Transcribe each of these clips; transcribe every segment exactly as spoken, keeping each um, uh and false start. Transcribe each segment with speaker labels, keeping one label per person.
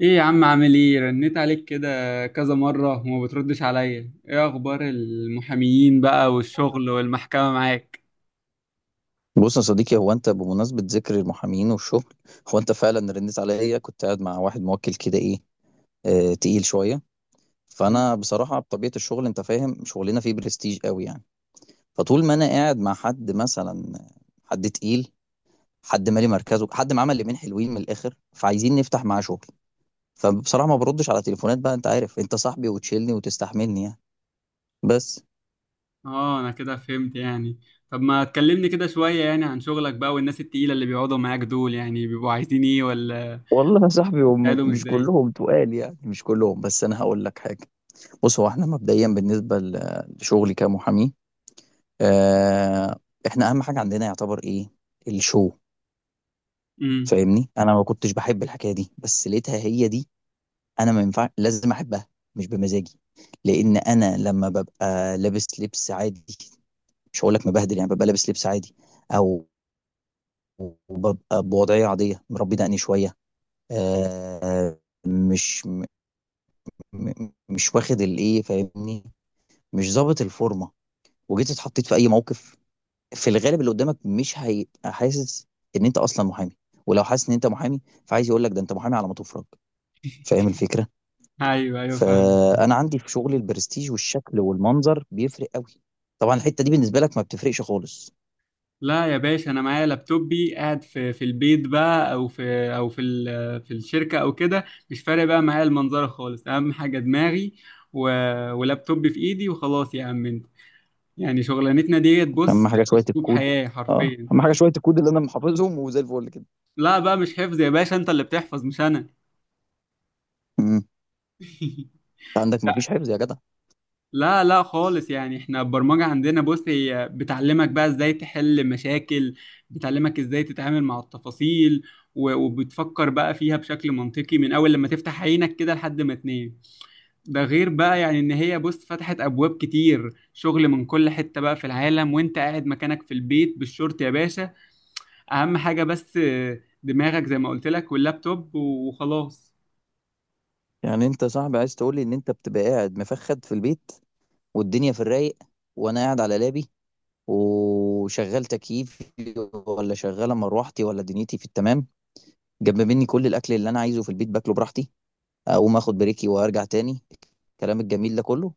Speaker 1: ايه يا عم، عامل ايه؟ رنيت عليك كده كذا مرة وما بتردش عليا. ايه اخبار المحاميين بقى والشغل والمحكمة معاك؟
Speaker 2: بص يا صديقي، هو انت بمناسبة ذكر المحامين والشغل، هو انت فعلا رنيت عليا؟ كنت قاعد مع واحد موكل كده، ايه، اه تقيل شوية.
Speaker 1: مم.
Speaker 2: فانا بصراحة بطبيعة الشغل، انت فاهم شغلنا فيه برستيج قوي يعني. فطول ما انا قاعد مع حد مثلا، حد تقيل، حد مالي مركزه، حد معاه مليمين حلوين من الاخر فعايزين نفتح معاه شغل، فبصراحة ما بردش على تليفونات بقى. انت عارف انت صاحبي وتشيلني وتستحملني يعني، بس.
Speaker 1: اه، انا كده فهمت يعني. طب ما تكلمني كده شوية يعني عن شغلك بقى، والناس التقيلة اللي بيقعدوا معاك دول يعني بيبقوا عايزين ايه؟ ولا
Speaker 2: والله يا صاحبي، هم
Speaker 1: بتساعدهم
Speaker 2: مش
Speaker 1: ازاي؟
Speaker 2: كلهم تقال يعني، مش كلهم، بس انا هقول لك حاجة. بص، هو احنا مبدئيا بالنسبه ل- لشغلي كمحامي، آه، احنا اهم حاجه عندنا يعتبر ايه؟ الشو.
Speaker 1: امم.
Speaker 2: فاهمني، انا ما كنتش بحب الحكايه دي بس لقيتها هي دي، انا ما ينفع لازم احبها، مش بمزاجي. لان انا لما ببقى لابس لبس عادي، مش هقول لك مبهدل يعني، ببقى لابس لبس عادي، او ببقى بوضعيه عاديه، مربي دقني شويه، آه، مش م- م- مش واخد الايه، فاهمني، مش ظابط الفورمه. وجيت اتحطيت في اي موقف، في الغالب اللي قدامك مش هيبقى حاسس ان انت اصلا محامي، ولو حاسس ان انت محامي فعايز يقول لك ده انت محامي على ما تفرج. فاهم الفكره؟
Speaker 1: ايوه، ايوه، فاهمك.
Speaker 2: فانا عندي في شغلي البرستيج والشكل والمنظر بيفرق قوي. طبعا الحته دي بالنسبه لك ما بتفرقش خالص.
Speaker 1: لا يا باشا، انا معايا لابتوبي قاعد في في البيت بقى، او في او في ال- في الشركه، او كده. مش فارق بقى معايا المنظره خالص، اهم حاجه دماغي و... ولابتوبي في ايدي، وخلاص يا عم انت. يعني شغلانتنا ديت بص.
Speaker 2: اهم حاجه شويه
Speaker 1: اسلوب
Speaker 2: الكود.
Speaker 1: حياه
Speaker 2: اه،
Speaker 1: حرفيا.
Speaker 2: اهم حاجه شويه الكود اللي انا محافظهم وزي الفل كده.
Speaker 1: لا بقى، مش حفظ يا باشا، انت اللي بتحفظ مش انا.
Speaker 2: امم، انت عندك ما فيش حفظ يا جدع؟
Speaker 1: لا، لا، خالص. يعني احنا البرمجة عندنا بص، هي بتعلمك بقى ازاي تحل مشاكل. بتعلمك ازاي تتعامل مع التفاصيل. و- وبتفكر بقى فيها بشكل منطقي من اول لما تفتح عينك كده لحد ما تنام. ده غير بقى يعني ان هي بص فتحت ابواب كتير شغل من كل حتة بقى في العالم، وانت قاعد مكانك في البيت بالشورت يا باشا. اهم حاجة بس، دماغك زي ما قلت لك، واللابتوب وخلاص.
Speaker 2: يعني انت صاحبي عايز تقول لي ان انت بتبقى قاعد مفخد في البيت والدنيا في الرايق، وانا قاعد على لابي، وشغال تكييفي ولا شغاله مروحتي، ولا دنيتي في التمام، جنب مني كل الاكل اللي انا عايزه في البيت باكله براحتي، اقوم اخد بريكي وارجع تاني، الكلام الجميل ده كله.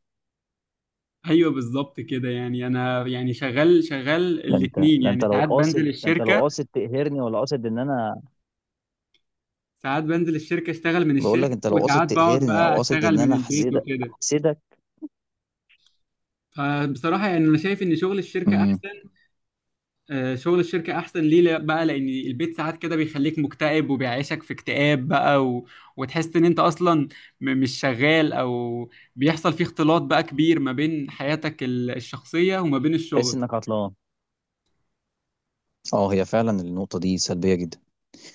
Speaker 1: ايوه بالظبط كده، يعني انا يعني شغال شغال
Speaker 2: ده انت
Speaker 1: الاتنين،
Speaker 2: ده انت
Speaker 1: يعني
Speaker 2: لو
Speaker 1: ساعات بنزل
Speaker 2: قاصد ده انت لو
Speaker 1: الشركة.
Speaker 2: قاصد تقهرني، ولا قاصد ان انا،
Speaker 1: ساعات بنزل الشركة اشتغل من
Speaker 2: بقول لك
Speaker 1: الشركة،
Speaker 2: انت لو قاصد
Speaker 1: وساعات بقعد
Speaker 2: تقهرني او
Speaker 1: بقى
Speaker 2: قاصد
Speaker 1: اشتغل
Speaker 2: ان
Speaker 1: من
Speaker 2: انا
Speaker 1: البيت
Speaker 2: احسدك،
Speaker 1: وكده.
Speaker 2: احسدك.
Speaker 1: فبصراحة يعني انا شايف ان شغل الشركة
Speaker 2: امم.
Speaker 1: احسن. آه، شغل الشركة احسن ليه؟ لا- بقى لان البيت ساعات كده بيخليك مكتئب، وبيعيشك في اكتئاب بقى و... وتحس ان انت اصلا م... مش شغال، او بيحصل فيه اختلاط بقى كبير ما بين حياتك ال- الشخصية وما بين
Speaker 2: تحس
Speaker 1: الشغل.
Speaker 2: انك عطلان؟ اه، هي فعلا النقطه دي سلبيه جدا.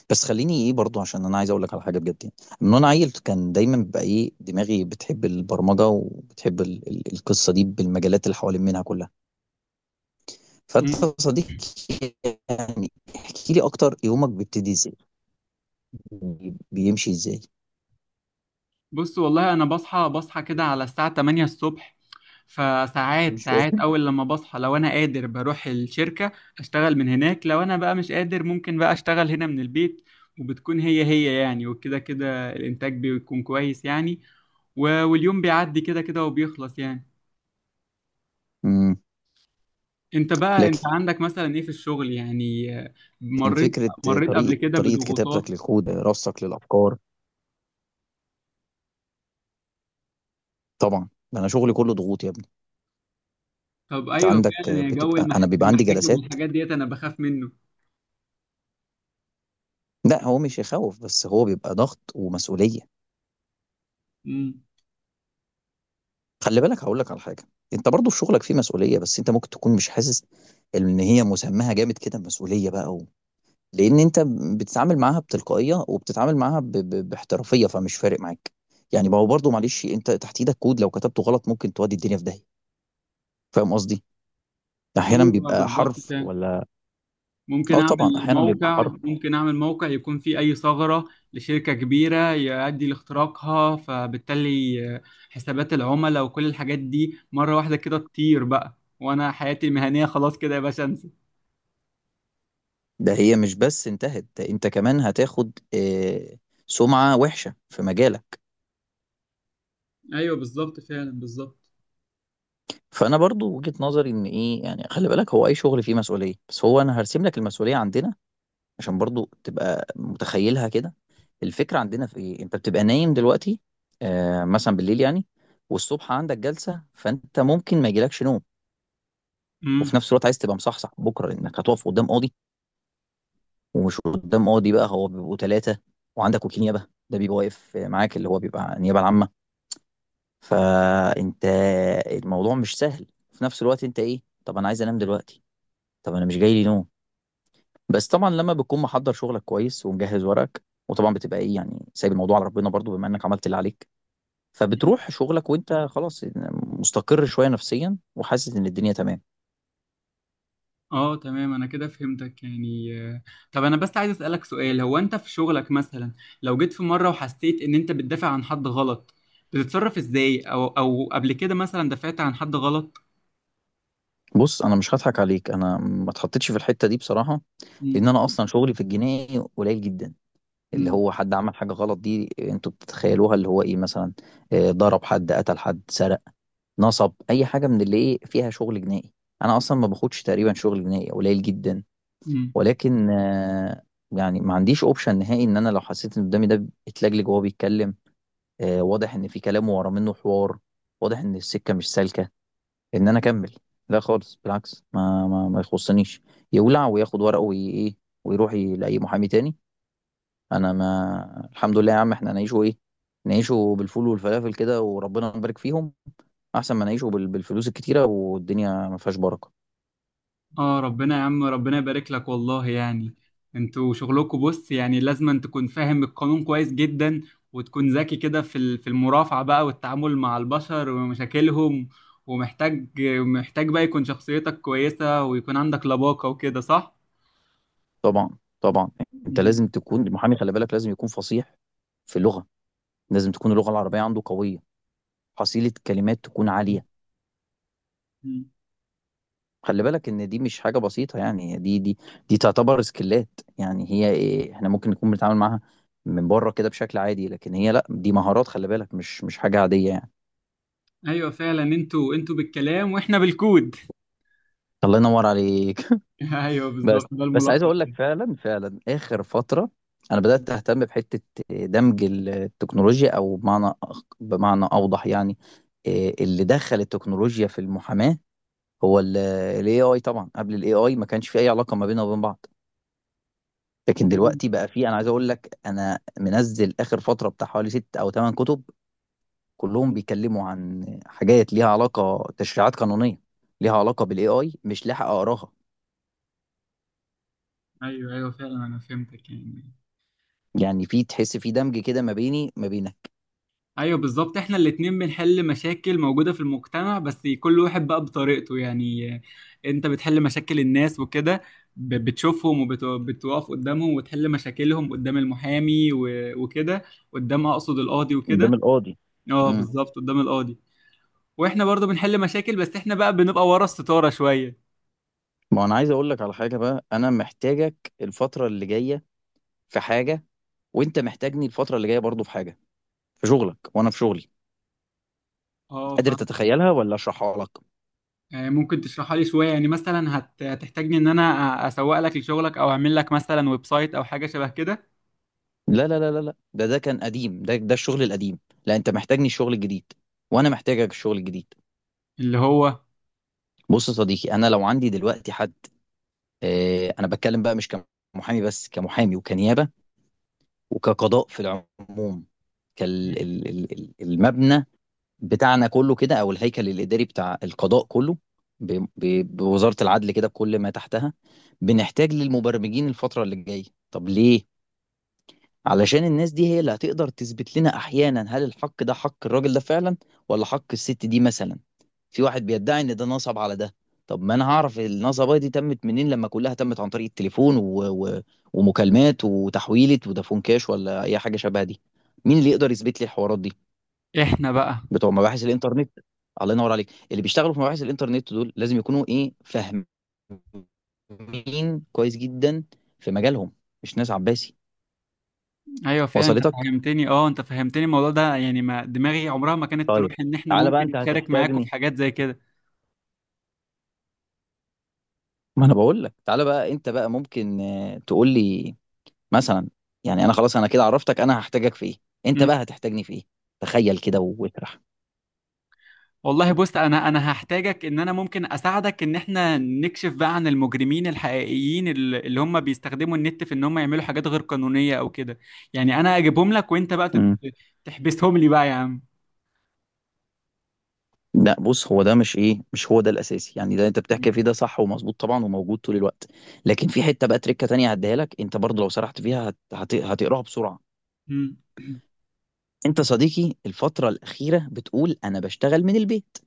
Speaker 2: بس خليني ايه برضو، عشان انا عايز اقول لك على حاجه بجد يعني. من وانا عيل كان دايما بقى ايه دماغي بتحب البرمجه وبتحب ال ال القصه دي بالمجالات اللي حوالين منها كلها. فانت
Speaker 1: مم.
Speaker 2: يا صديقي، يعني احكي لي اكتر، يومك بيبتدي ازاي؟ بي- بيمشي ازاي؟
Speaker 1: بص والله انا بصحى بصحى كده على الساعة ثمانية الصبح. فساعات
Speaker 2: مش
Speaker 1: ساعات
Speaker 2: فاهم.
Speaker 1: اول لما بصحى، لو انا قادر بروح الشركة اشتغل من هناك، لو انا بقى مش قادر ممكن بقى اشتغل هنا من البيت. وبتكون هي هي يعني، وكده كده الانتاج بيكون كويس يعني. و- واليوم بيعدي كده كده وبيخلص يعني.
Speaker 2: امم.
Speaker 1: انت بقى
Speaker 2: لكن
Speaker 1: انت عندك مثلا ايه في الشغل يعني؟ آه، مريت
Speaker 2: فكره،
Speaker 1: مريت قبل
Speaker 2: طريقه
Speaker 1: كده
Speaker 2: طريقه
Speaker 1: بضغوطات؟
Speaker 2: كتابتك للكود، رصك للافكار. طبعا ده انا شغلي كله ضغوط يا ابني.
Speaker 1: طب
Speaker 2: انت
Speaker 1: ايوه
Speaker 2: عندك
Speaker 1: فعلا يا جو،
Speaker 2: بتبقى،
Speaker 1: المح-
Speaker 2: انا بيبقى عندي
Speaker 1: المحاكم
Speaker 2: جلسات.
Speaker 1: والحاجات ديت انا بخاف منه.
Speaker 2: لا هو مش يخوف، بس هو بيبقى ضغط ومسؤوليه.
Speaker 1: امم.
Speaker 2: خلي بالك هقول لك على حاجه، انت برضو في شغلك فيه مسؤوليه بس انت ممكن تكون مش حاسس ان هي مسماها جامد كده، مسؤوليه بقى. و... لان انت بتتعامل معاها بتلقائيه وبتتعامل معاها ب... ب... باحترافيه، فمش فارق معاك. يعني ما هو برضو، معلش، انت تحت ايدك كود لو كتبته غلط ممكن تودي الدنيا في داهيه. فاهم قصدي؟ احيانا
Speaker 1: ايوه
Speaker 2: بيبقى
Speaker 1: بالظبط
Speaker 2: حرف
Speaker 1: فعلا.
Speaker 2: ولا.
Speaker 1: ممكن
Speaker 2: اه
Speaker 1: اعمل
Speaker 2: طبعا، احيانا بيبقى
Speaker 1: موقع
Speaker 2: حرف.
Speaker 1: ممكن اعمل موقع يكون فيه اي ثغرة لشركة كبيرة يؤدي لاختراقها، فبالتالي حسابات العملاء وكل الحاجات دي مرة واحدة كده تطير بقى، وانا حياتي المهنية خلاص كده يا باشا، انسى.
Speaker 2: ده هي مش بس انتهت، ده انت كمان هتاخد آه... سمعه وحشه في مجالك.
Speaker 1: ايوه بالظبط فعلا، بالظبط.
Speaker 2: فانا برضو وجهة نظري ان ايه يعني، خلي بالك، هو اي شغل فيه مسؤوليه بس هو انا هرسم لك المسؤوليه عندنا، عشان برضو تبقى متخيلها كده. الفكره عندنا في ايه انت بتبقى نايم دلوقتي، آه، مثلا بالليل يعني، والصبح عندك جلسه، فانت ممكن ما يجيلكش نوم.
Speaker 1: امم.
Speaker 2: وفي نفس الوقت عايز تبقى مصحصح بكره لانك هتقف قدام قاضي، ومش قدام قاضي بقى، هو بيبقوا ثلاثه. وعندك وكيل نيابه ده بيبقى واقف معاك اللي هو بيبقى النيابه العامه. فانت، الموضوع مش سهل. في نفس الوقت انت ايه طب انا عايز انام دلوقتي، طب انا مش جاي لي نوم. بس طبعا لما بتكون محضر شغلك كويس ومجهز ورقك، وطبعا بتبقى ايه يعني سايب الموضوع على ربنا برضو بما انك عملت اللي عليك، فبتروح شغلك وانت خلاص مستقر شويه نفسيا وحاسس ان الدنيا تمام.
Speaker 1: اه تمام، انا كده فهمتك يعني. آه، طب انا بس عايز اسالك سؤال. هو انت في شغلك مثلا، لو جيت في مره وحسيت ان انت بتدافع عن حد غلط، بتتصرف ازاي؟ او او قبل كده مثلا دافعت عن حد غلط؟
Speaker 2: بص انا مش هضحك عليك، انا ما اتحطيتش في الحته دي بصراحه، لان انا اصلا شغلي في الجنائي قليل جدا. اللي
Speaker 1: مم.
Speaker 2: هو حد عمل حاجه غلط دي، انتوا بتتخيلوها اللي هو ايه مثلا، آه، ضرب حد، قتل حد، سرق، نصب، اي حاجه من اللي ايه فيها شغل جنائي. انا اصلا ما باخدش، تقريبا شغل جنائي قليل جدا.
Speaker 1: مم.
Speaker 2: ولكن آه، يعني ما عنديش اوبشن نهائي، ان انا لو حسيت ان قدامي ده اتلجلج وهو بيتكلم، آه، واضح ان في كلام ورا منه حوار، واضح ان السكه مش سالكه، ان انا اكمل، لا خالص بالعكس، ما ما, ما يخصنيش، يولع وياخد ورقه وايه، ويروح ي- لاي محامي تاني. انا ما الحمد لله يا عم، احنا نعيشه ايه نعيشه بالفول والفلافل كده وربنا يبارك فيهم، احسن ما نعيشه بال- بالفلوس الكتيره والدنيا ما فيهاش بركه.
Speaker 1: اه ربنا يا عم، ربنا يبارك لك والله يعني. انتوا شغلكم بص يعني لازم أن تكون فاهم القانون كويس جدا، وتكون ذكي كده في ال- في المرافعة بقى، والتعامل مع البشر ومشاكلهم. ومحتاج، محتاج بقى يكون شخصيتك كويسة، ويكون عندك لباقة وكده، صح؟
Speaker 2: طبعا، طبعا. انت
Speaker 1: مم.
Speaker 2: لازم تكون المحامي، خلي بالك، لازم يكون فصيح في اللغه، لازم تكون اللغة العربية عنده قوية، حصيلة كلمات تكون عالية.
Speaker 1: مم.
Speaker 2: خلي بالك ان دي مش حاجة بسيطة يعني، دي دي دي تعتبر سكيلات. يعني هي إيه، احنا ممكن نكون بنتعامل معاها من بره كده بشكل عادي، لكن هي لا، دي مهارات، خلي بالك، مش مش حاجة عادية يعني.
Speaker 1: ايوه فعلا، انتوا انتوا بالكلام واحنا بالكود.
Speaker 2: الله ينور عليك.
Speaker 1: ايوه بالظبط،
Speaker 2: بس،
Speaker 1: ده
Speaker 2: بس عايز
Speaker 1: الملخص.
Speaker 2: اقول لك فعلا، فعلا اخر فترة انا بدأت اهتم بحتة دمج التكنولوجيا، او بمعنى أخ- بمعنى اوضح يعني، إيه، اللي دخل التكنولوجيا في المحاماة هو الاي اي. طبعا قبل الاي اي ما كانش في اي علاقه ما بيننا وبين بعض، لكن دلوقتي بقى في، انا عايز اقول لك، انا منزل اخر فتره بتاع حوالي ست او ثمان كتب، كلهم بيتكلموا عن حاجات ليها علاقه تشريعات قانونيه، ليها علاقه بالاي اي، مش لاحق اقراها.
Speaker 1: ايوه ايوه فعلا، انا فهمتك يعني.
Speaker 2: يعني في، تحس في دمج كده ما بيني ما بينك.
Speaker 1: ايوه بالظبط، احنا الاتنين بنحل مشاكل موجودة في المجتمع، بس كل واحد بقى بطريقته يعني. انت بتحل مشاكل الناس وكده، ب- بتشوفهم، وبتقف قدامهم وتحل مشاكلهم قدام المحامي و- وكده. قدام، اقصد القاضي وكده.
Speaker 2: قدام القاضي.
Speaker 1: اه
Speaker 2: امم.
Speaker 1: بالظبط قدام القاضي. واحنا برضو بنحل مشاكل، بس احنا بقى بنبقى ورا الستارة شوية.
Speaker 2: ما انا عايز اقول لك على حاجه بقى، انا محتاجك الفتره اللي جايه في حاجه، وانت محتاجني الفتره اللي جايه برضو في حاجه، في شغلك وانا في شغلي.
Speaker 1: اه
Speaker 2: قادر
Speaker 1: فاهم.
Speaker 2: تتخيلها ولا اشرحها لك؟
Speaker 1: آه، ممكن تشرحها لي شوية يعني؟ مثلا هت... هتحتاجني ان انا أ- اسوق لك لشغلك، او اعمل لك مثلا ويب سايت، او حاجة شبه كده؟
Speaker 2: لا لا لا لا لا، ده ده كان قديم، ده ده الشغل القديم. لا، انت محتاجني الشغل الجديد، وانا محتاجك الشغل الجديد.
Speaker 1: اللي هو
Speaker 2: بص يا صديقي، انا لو عندي دلوقتي حد، اه انا بتكلم بقى، مش كمحامي بس، كمحامي وكنيابه وكقضاء في العموم، كال ال- ال- ال- المبنى بتاعنا كله كده، او الهيكل الاداري بتاع القضاء كله، ب- ب- بوزاره العدل كده، بكل ما تحتها. بنحتاج للمبرمجين الفتره اللي جايه. طب ليه؟ علشان الناس دي هي اللي هتقدر تثبت لنا احيانا هل الحق ده حق الراجل ده فعلا، ولا حق الست دي مثلا. في واحد بيدعي ان ده نصب على ده، طب ما انا هعرف النصبه دي تمت منين لما كلها تمت عن طريق التليفون و... و... ومكالمات وتحويلة ودافون كاش ولا اي حاجه شبه دي؟ مين اللي يقدر يثبت لي الحوارات دي؟
Speaker 1: احنا بقى.
Speaker 2: بتوع مباحث الانترنت. الله ينور عليك. اللي بيشتغلوا في مباحث الانترنت دول لازم يكونوا ايه فاهمين كويس جدا في مجالهم، مش ناس عباسي.
Speaker 1: ايوه فعلا، انت
Speaker 2: وصلتك؟
Speaker 1: فهمتني اه انت فهمتني الموضوع ده، يعني ما دماغي عمرها ما كانت تروح
Speaker 2: طيب.
Speaker 1: ان احنا
Speaker 2: تعالى بقى،
Speaker 1: ممكن
Speaker 2: انت
Speaker 1: نشارك معاكم في
Speaker 2: هتحتاجني.
Speaker 1: حاجات زي كده.
Speaker 2: ما انا بقول لك تعالى بقى، انت بقى ممكن آه، تقول لي مثلا، يعني انا خلاص انا كده عرفتك انا هحتاجك في ايه، انت
Speaker 1: مم.
Speaker 2: بقى هتحتاجني في ايه؟ تخيل كده واطرح.
Speaker 1: والله بص، انا انا هحتاجك ان انا ممكن اساعدك ان احنا نكشف بقى عن المجرمين الحقيقيين ال- اللي هم بيستخدموا النت في ان هم يعملوا حاجات غير قانونية او كده. يعني انا اجيبهم لك، وانت بقى تت-
Speaker 2: امم.
Speaker 1: تحبسهم لي بقى يا عم.
Speaker 2: لا بص، هو ده مش ايه مش هو ده الاساسي يعني، ده انت بتحكي فيه، ده صح ومظبوط طبعا وموجود طول الوقت. لكن في حته بقى تريكه تانية هديها لك انت برضه، لو سرحت فيها هت... هت... هتقراها بسرعه.
Speaker 1: مم.
Speaker 2: انت صديقي الفتره الاخيره بتقول انا بشتغل من البيت.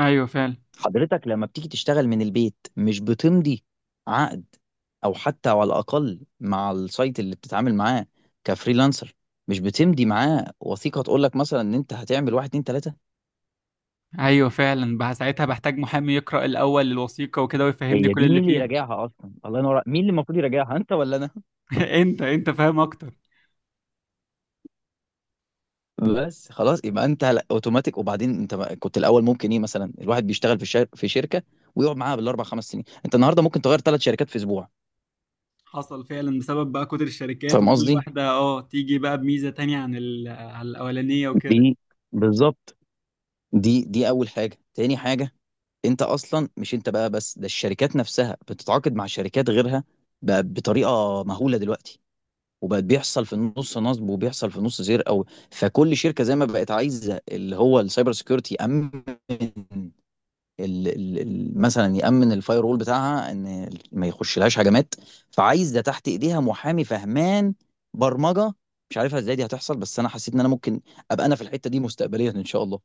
Speaker 1: ايوه فعلا،
Speaker 2: حضرتك لما بتيجي تشتغل من البيت مش بتمضي عقد، او حتى على الاقل مع السايت اللي بتتعامل معاه كفريلانسر، مش بتمضي معاه وثيقه تقول لك مثلا ان انت هتعمل واحد اتنين تلاته؟
Speaker 1: ايوه فعلا. بقى ساعتها بحتاج محامي يقرأ الاول الوثيقة وكده، ويفهمني
Speaker 2: هي
Speaker 1: كل
Speaker 2: دي
Speaker 1: اللي
Speaker 2: مين اللي
Speaker 1: فيها.
Speaker 2: يراجعها اصلا؟ الله ينور عليك. مين اللي المفروض يراجعها، انت ولا انا؟
Speaker 1: انت انت فاهم اكتر.
Speaker 2: بس خلاص، يبقى انت، لا، اوتوماتيك. وبعدين انت ما- كنت الاول ممكن ايه مثلا الواحد بيشتغل في شر... في شركه ويقعد معاها بالاربع خمس سنين، انت النهارده ممكن تغير ثلاث شركات في اسبوع.
Speaker 1: حصل فعلا بسبب بقى كتر الشركات،
Speaker 2: فاهم
Speaker 1: وكل
Speaker 2: قصدي؟
Speaker 1: واحدة اه تيجي بقى بميزة تانية عن ال... آه عن الأولانية وكده.
Speaker 2: دي بالظبط، دي دي اول حاجه. تاني حاجه، انت اصلا، مش انت بقى بس، ده الشركات نفسها بتتعاقد مع شركات غيرها بقى بطريقه مهوله دلوقتي. وبقت بيحصل في النص نصب وبيحصل في النص سرقه. فكل شركه زي ما بقت عايزه اللي هو السايبر سيكيورتي يامن ال- ال- ال- مثلا يامن الفاير وول بتاعها ان ما يخش لهاش هجمات. فعايز ده تحت ايديها محامي فهمان برمجه. مش عارفها ازاي دي هتحصل، بس انا حسيت ان انا ممكن ابقى انا في الحته دي مستقبليا ان شاء الله،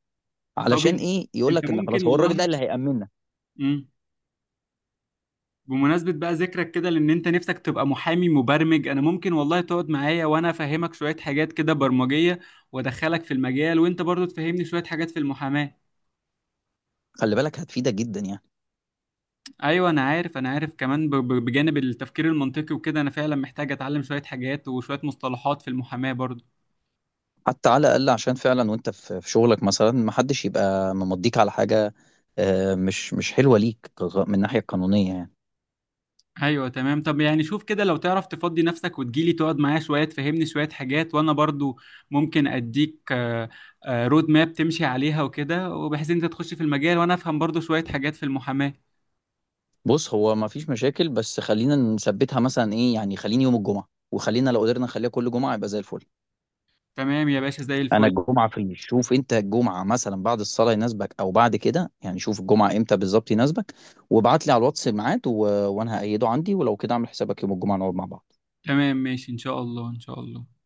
Speaker 1: طب
Speaker 2: علشان
Speaker 1: يعني
Speaker 2: ايه يقول
Speaker 1: انت
Speaker 2: لك ان
Speaker 1: ممكن
Speaker 2: خلاص هو الراجل
Speaker 1: والله.
Speaker 2: ده اللي هيامننا.
Speaker 1: مم. بمناسبة بقى ذكرك كده، لأن انت نفسك تبقى محامي مبرمج، أنا ممكن والله تقعد معايا وأنا أفهمك شوية حاجات كده برمجية، وأدخلك في المجال، وأنت برضو تفهمني شوية حاجات في المحاماة.
Speaker 2: خلي بالك هتفيدك جدا يعني.
Speaker 1: أيوة أنا عارف أنا عارف كمان، ب... ب- بجانب التفكير المنطقي وكده أنا فعلا محتاج أتعلم شوية حاجات وشوية مصطلحات في المحاماة برضو.
Speaker 2: حتى على الاقل عشان فعلا، وانت في في شغلك مثلا، ما حدش يبقى ممضيك على حاجه آه، مش مش حلوه ليك كغ- من الناحيه القانونيه يعني.
Speaker 1: ايوه تمام. طب يعني شوف كده، لو تعرف تفضي نفسك وتجيلي تقعد معايا شويه تفهمني شويه حاجات، وانا برضو ممكن اديك آه، آه، رود ماب تمشي عليها وكده، وبحيث انت تخش في المجال وانا افهم برضو شويه حاجات في المحاماه.
Speaker 2: بص هو ما فيش مشاكل، بس خلينا نثبتها مثلا ايه يعني، خليني يوم الجمعه، وخلينا لو قدرنا نخليها كل جمعه يبقى زي الفل.
Speaker 1: تمام يا باشا، زي
Speaker 2: انا
Speaker 1: الفل.
Speaker 2: الجمعه في، شوف انت الجمعه مثلا بعد الصلاه يناسبك او بعد كده يعني، شوف الجمعه امتى بالظبط يناسبك وابعت لي على الواتس ميعاد، و... وانا هأيده عندي ولو كده اعمل حسابك يوم الجمعه نقعد مع بعض.
Speaker 1: تمام ماشي، ان شاء الله ان شاء الله.